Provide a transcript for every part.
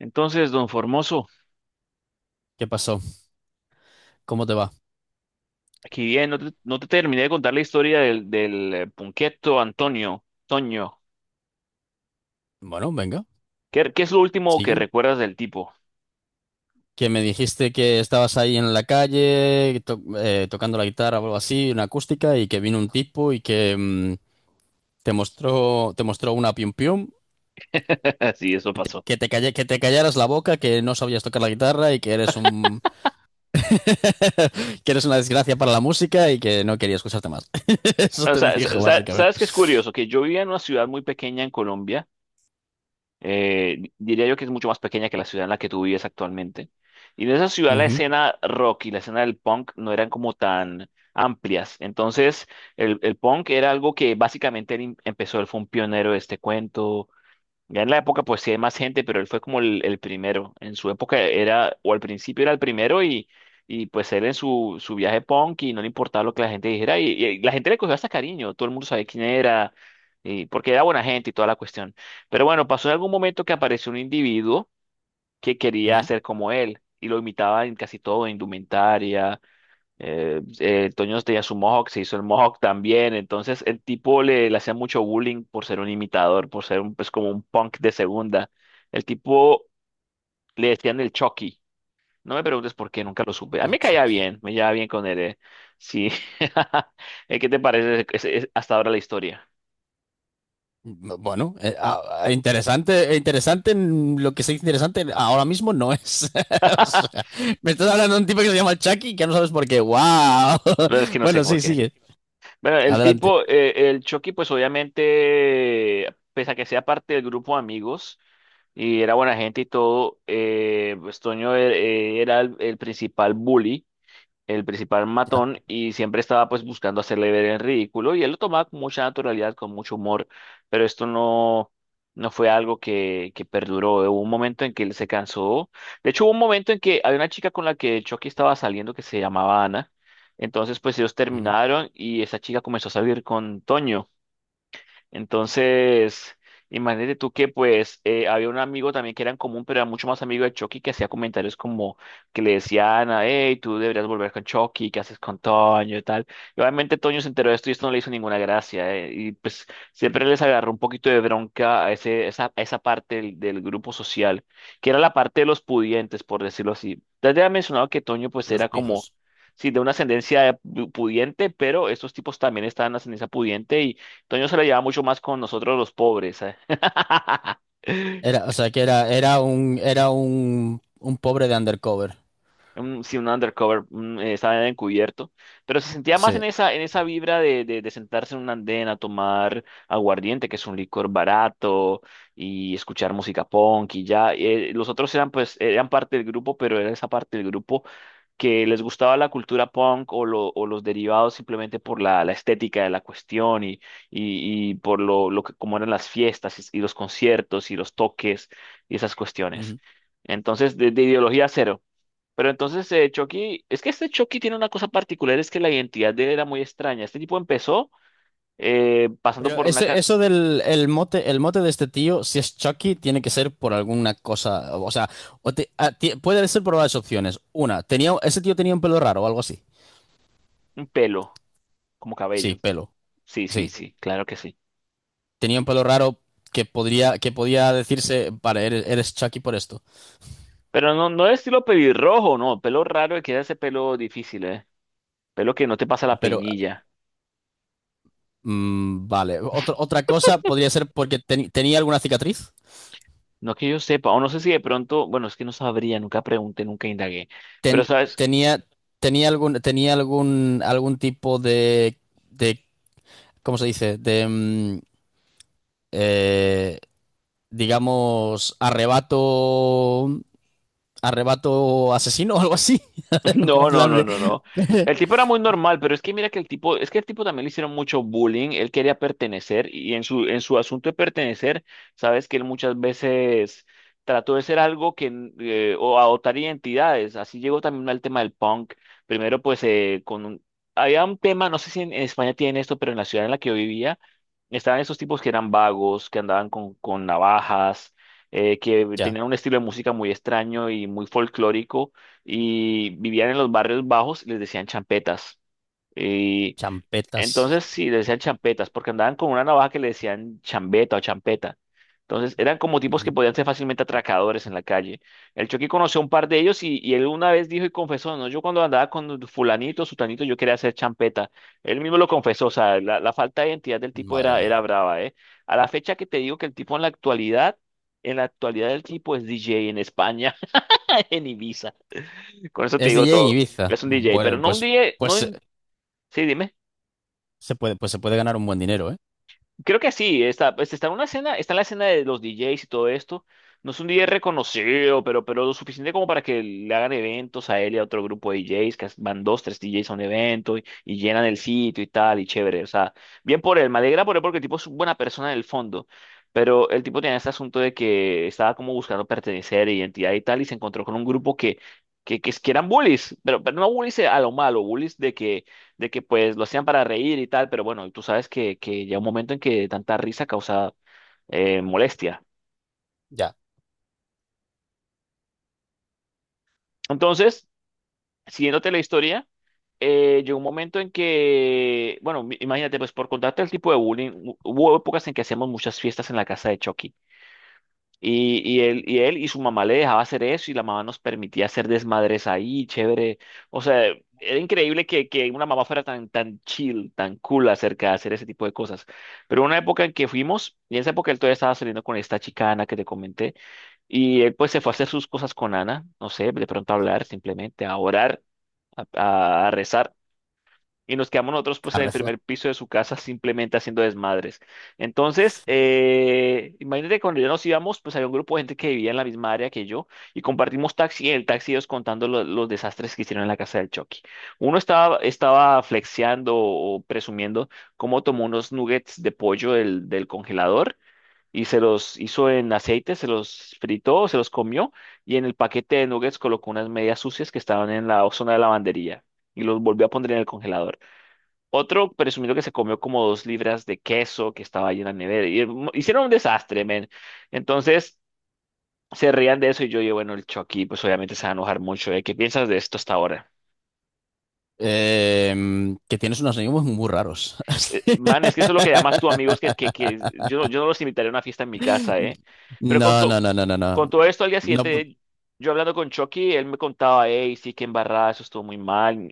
Entonces, don Formoso, ¿Qué pasó? ¿Cómo te va? aquí bien, no te terminé de contar la historia del Punqueto Antonio, Toño. Bueno, venga. ¿Qué es lo último que Sí, recuerdas del tipo? que me dijiste que estabas ahí en la calle tocando la guitarra o algo así, una acústica, y que vino un tipo y que te mostró una pium pium, Sí, eso y pasó. Que te callaras la boca, que no sabías tocar la guitarra y que eres un que eres una desgracia para la música y que no quería escucharte más. Eso O te sea, dijo básicamente. ¿sabes qué es curioso? Que yo vivía en una ciudad muy pequeña en Colombia, diría yo que es mucho más pequeña que la ciudad en la que tú vives actualmente. Y en esa ciudad la Ujú, escena rock y la escena del punk no eran como tan amplias. Entonces, el punk era algo que básicamente él empezó, él fue un pionero de este cuento. Ya en la época pues sí hay más gente, pero él fue como el primero. En su época era, o al principio era el primero y pues él en su viaje punk y no le importaba lo que la gente dijera y la gente le cogió hasta cariño, todo el mundo sabía quién era, y, porque era buena gente y toda la cuestión. Pero bueno, pasó en algún momento que apareció un individuo que quería ser como él y lo imitaba en casi todo, en indumentaria, Toño tenía su mohawk, se hizo el mohawk también. Entonces el tipo le hacía mucho bullying por ser un imitador, por ser un, pues, como un punk de segunda. El tipo le decían el Chucky. No me preguntes por qué, nunca lo supe. A mí me caía ujú. bien, me llevaba bien con él. Sí. ¿Qué te parece hasta ahora la historia? Bueno, interesante, interesante, en lo que sea interesante ahora mismo no es. O La sea, me estás hablando de un tipo que se llama Chucky y que no sabes por qué. ¡Wow! verdad es que no sé Bueno, por sí, qué. sigue. Bueno, el Adelante. tipo, el Chucky, pues obviamente, pese a que sea parte del grupo de amigos. Y era buena gente y todo. Pues Toño era el principal bully, el principal Ya. matón, y siempre estaba pues buscando hacerle ver el ridículo, y él lo tomaba con mucha naturalidad, con mucho humor, pero esto no fue algo que perduró. Hubo un momento en que él se cansó. De hecho, hubo un momento en que había una chica con la que Chucky estaba saliendo que se llamaba Ana. Entonces, pues ellos Ujú. terminaron y esa chica comenzó a salir con Toño. Entonces, imagínate tú que pues había un amigo también que era en común, pero era mucho más amigo de Chucky que hacía comentarios como que le decían, a, hey, tú deberías volver con Chucky, ¿qué haces con Toño y tal? Y obviamente Toño se enteró de esto y esto no le hizo ninguna gracia, y pues siempre les agarró un poquito de bronca a a esa parte del grupo social, que era la parte de los pudientes, por decirlo así. Ya te había mencionado que Toño pues Los era como... pijos. Sí, de una pudiente, pero estos tipos también estaban en ascendencia pudiente y Toño se la lleva mucho más con nosotros los pobres. ¿Eh? Era, o sea, que era un pobre de undercover. Sí, un undercover, un, estaba encubierto, pero se sentía más Sí. En esa vibra de sentarse en un andén a tomar aguardiente, que es un licor barato, y escuchar música punk y ya. Los otros eran pues, eran parte del grupo, pero era esa parte del grupo que les gustaba la cultura punk o los derivados simplemente por la estética de la cuestión y, y por cómo eran las fiestas y los conciertos y los toques y esas cuestiones. Ujú. Entonces, de ideología cero. Pero entonces, Chucky, es que este Chucky tiene una cosa particular, es que la identidad de él era muy extraña. Este tipo empezó pasando Pero por una, eso del el mote de este tío, si es Chucky, tiene que ser por alguna cosa. O sea, o te- a- ti- puede ser por varias opciones. Una, ese tío tenía un pelo raro o algo así. un pelo, como Sí, cabello. pelo. Sí, sí, Sí. sí, claro que sí. Tenía un pelo raro que podía decirse, vale, eres Chucky por esto. Pero no, no de estilo pelirrojo, no, pelo raro, que era ese pelo difícil, ¿eh? Pelo que no te pasa la Pero, peinilla. Vale. Otra otra cosa podría ser porque tenía alguna cicatriz. No que yo sepa, o no sé si de pronto, bueno, es que no sabría, nunca pregunté, nunca indagué. Pero Ten- sabes, tenía, Tenía algún algún tipo de, de, ¿cómo se dice? De, eh, digamos, arrebato, arrebato asesino o algo así. En no, no, plan no, de... no, no. El tipo era muy normal, pero es que mira que el tipo, es que el tipo también le hicieron mucho bullying, él quería pertenecer y en su asunto de pertenecer, sabes que él muchas veces trató de ser algo que, o adoptar identidades, así llegó también al tema del punk, primero pues había un tema, no sé si en España tienen esto, pero en la ciudad en la que yo vivía, estaban esos tipos que eran vagos, que andaban con navajas, que Ya, tenían un estilo de música muy extraño y muy folclórico y vivían en los barrios bajos y les decían champetas. Y champetas. entonces sí, les decían champetas, porque andaban con una navaja que le decían chambeta o champeta. Entonces eran como tipos que Ujú. podían ser fácilmente atracadores en la calle. El Chucky conoció a un par de ellos y él una vez dijo y confesó, no, yo cuando andaba con fulanito, sutanito, yo quería hacer champeta. Él mismo lo confesó, o sea, la falta de identidad del tipo Madre era, era mía. brava, ¿eh? A la fecha que te digo que el tipo en la actualidad el tipo es DJ en España, en Ibiza. Con eso te Es digo DJ en todo. Ibiza. Es un DJ, pero Bueno, no un pues, DJ, no pues, eh, un- Sí, dime. se puede, pues se puede ganar un buen dinero, ¿eh? Creo que sí, está, pues, está en una escena, está en la escena de los DJs y todo esto. No es un DJ reconocido, pero lo suficiente como para que le hagan eventos a él y a otro grupo de DJs, que van dos, tres DJs a un evento y llenan el sitio y tal, y chévere. O sea, bien por él, me alegra por él porque el tipo es una buena persona en el fondo. Pero el tipo tenía este asunto de que estaba como buscando pertenecer, identidad y tal, y se encontró con un grupo que eran bullies, pero no bullies a lo malo, bullies de que pues lo hacían para reír y tal, pero bueno, tú sabes que llega un momento en que tanta risa causa molestia. Ya. Entonces, siguiéndote la historia, llegó un momento en que, bueno, imagínate, pues por contarte el tipo de bullying, hubo épocas en que hacíamos muchas fiestas en la casa de Chucky. Y, y él y su mamá le dejaba hacer eso y la mamá nos permitía hacer desmadres ahí, chévere. O sea, era increíble que una mamá fuera tan, tan chill, tan cool acerca de hacer ese tipo de cosas. Pero una época en que fuimos, y en esa época él todavía estaba saliendo con esta chica Ana que te comenté, y él pues se fue a hacer sus cosas con Ana, no sé, de pronto a hablar simplemente, a orar, a rezar y nos quedamos nosotros pues A en el rezar. primer piso de su casa simplemente haciendo desmadres. Entonces, imagínate que cuando ya nos íbamos, pues había un grupo de gente que vivía en la misma área que yo y compartimos taxi y en el taxi ellos contando los desastres que hicieron en la casa del Chucky. Uno estaba flexeando o presumiendo cómo tomó unos nuggets de pollo del congelador. Y se los hizo en aceite, se los fritó, se los comió y en el paquete de nuggets colocó unas medias sucias que estaban en la zona de lavandería y los volvió a poner en el congelador. Otro presumido que se comió como dos libras de queso que estaba ahí en la nevera. Y, hicieron un desastre, men. Entonces se reían de eso y yo digo, bueno, el Chucky, pues obviamente se va a enojar mucho, ¿eh? ¿Qué piensas de esto hasta ahora? Que tienes unos amigos muy raros. Man, es que eso es lo que llamas tú, amigos, que yo, yo no los invitaría a una fiesta en mi casa, ¿eh? Pero No, no, no, no, no, con no. todo esto, al día No, p- siguiente, yo hablando con Chucky, él me contaba, hey, sí, que embarrada, eso estuvo muy mal.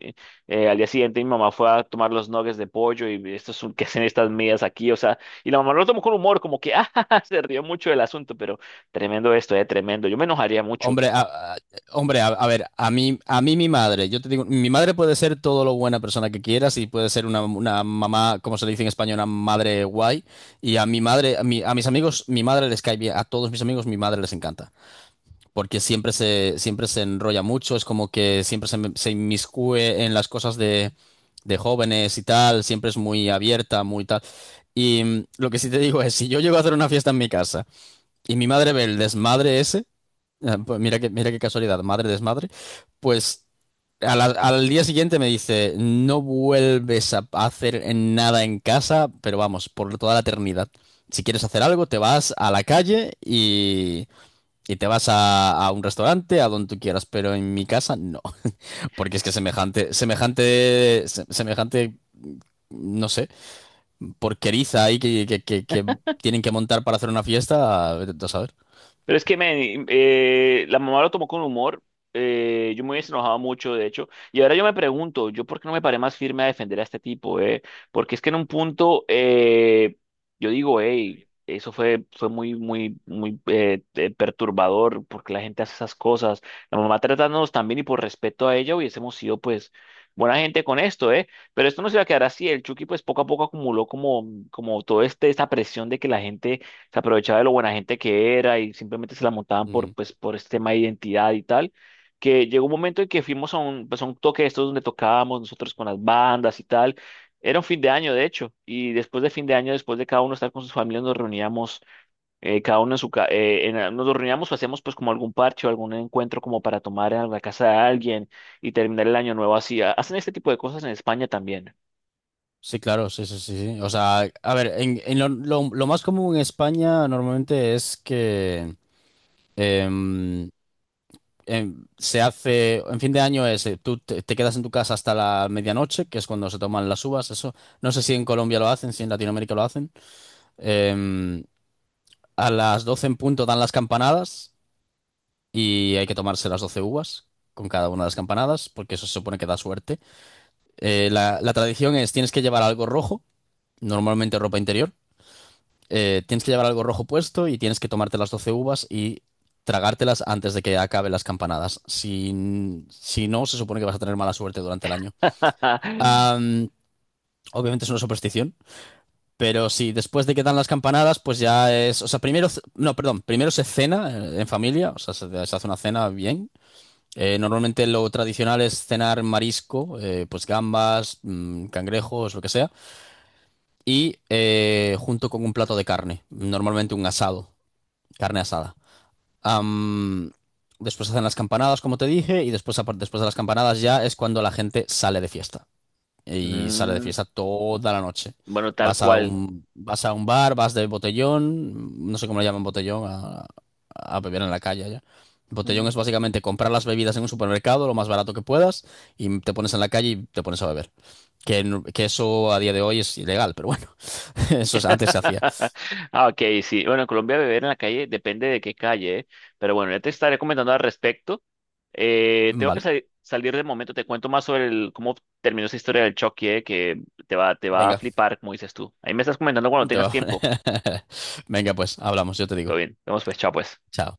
Al día siguiente, mi mamá fue a tomar los nuggets de pollo y esto es un, ¿qué hacen estas medias aquí? O sea, y la mamá lo tomó con humor, como que, ah, ja, ja, ja", se rió mucho del asunto, pero tremendo esto, tremendo. Yo me enojaría mucho. hombre, a, a- Hombre, a ver, a mí mi madre, yo te digo, mi madre puede ser todo lo buena persona que quieras y puede ser una mamá, como se le dice en España, una madre guay. Y a mi madre, a mis amigos, mi madre les cae bien, a todos mis amigos, mi madre les encanta. Porque siempre se enrolla mucho, es como que se inmiscuye en las cosas de jóvenes y tal, siempre es muy abierta, muy tal. Y lo que sí te digo es, si yo llego a hacer una fiesta en mi casa y mi madre ve el desmadre ese, pues mira que, mira qué casualidad, madre desmadre, pues al día siguiente me dice, no vuelves a hacer en nada en casa, pero vamos, por toda la eternidad. Si quieres hacer algo, te vas a la calle y te vas a un restaurante, a donde tú quieras, pero en mi casa no, porque es que semejante, no sé, porqueriza ahí que tienen que montar para hacer una fiesta, vete tú a saber. Pero es que, men, la mamá lo tomó con humor. Eh, yo me hubiese enojado mucho, de hecho. Y ahora yo me pregunto, ¿yo por qué no me paré más firme a defender a este tipo? ¿Eh? Porque es que en un punto, yo digo, hey, eso fue muy, muy, muy perturbador porque la gente hace esas cosas. La mamá tratándonos también y por respeto a ella hubiésemos sido, pues, buena gente con esto, ¿eh? Pero esto no se va a quedar así. El Chucky, pues, poco a poco acumuló como, como todo este, esta presión de que la gente se aprovechaba de lo buena gente que era y simplemente se la montaban por, Ujú. pues, por este tema de identidad y tal, que llegó un momento en que fuimos a un, pues, a un toque de estos donde tocábamos nosotros con las bandas y tal. Era un fin de año, de hecho, y después de fin de año, después de cada uno estar con sus familias, nos reuníamos, cada uno en su casa, nos reuníamos o hacíamos pues como algún parche o algún encuentro como para tomar en la casa de alguien y terminar el año nuevo así. Hacen este tipo de cosas en España también. Sí, claro, sí, sí, sí, sí. O sea, a ver, en lo, lo más común en España normalmente es que em, se hace, en fin de año es, tú te quedas en tu casa hasta la medianoche, que es cuando se toman las uvas, eso. No sé si en Colombia lo hacen, si en Latinoamérica lo hacen. Em, a las 12 en punto dan las campanadas y hay que tomarse las 12 uvas con cada una de las campanadas porque eso se supone que da suerte. La tradición es tienes que llevar algo rojo, normalmente ropa interior. Tienes que llevar algo rojo puesto y tienes que tomarte las 12 uvas y tragártelas antes de que acaben las campanadas. Si si no, se supone que vas a tener mala suerte durante el año. Am, Obviamente es una superstición. Pero sí, después de que dan las campanadas, pues ya es. O sea, primero. C- No, perdón. Primero se cena en familia. O sea, se hace una cena bien. Normalmente lo tradicional es cenar marisco, pues gambas, cangrejos, lo que sea. Y junto con un plato de carne. Normalmente un asado. Carne asada. Am, Después hacen las campanadas, como te dije. Y después, después de las campanadas ya es cuando la gente sale de fiesta y sales de Mm, fiesta toda la noche. bueno, tal Vas a cual. Vas a un bar, vas de botellón, no sé cómo le llaman botellón, a beber en la calle allá. Botellón es Mm. básicamente comprar las bebidas en un supermercado lo más barato que puedas y te pones en la calle y te pones a beber. Que, que eso a día de hoy es ilegal, pero bueno, eso es- antes se hacía. Ah, ok, sí. Bueno, en Colombia beber en la calle depende de qué calle, ¿eh? Pero bueno, ya te estaré comentando al respecto. Tengo que Vale, salir de momento, te cuento más sobre cómo terminó esa historia del choque, ¿eh? Que te va a venga, flipar, como dices tú. Ahí me estás comentando cuando te tengas va- tiempo. Venga, pues hablamos, yo te Todo digo. bien, vemos pues, chao pues. Chao.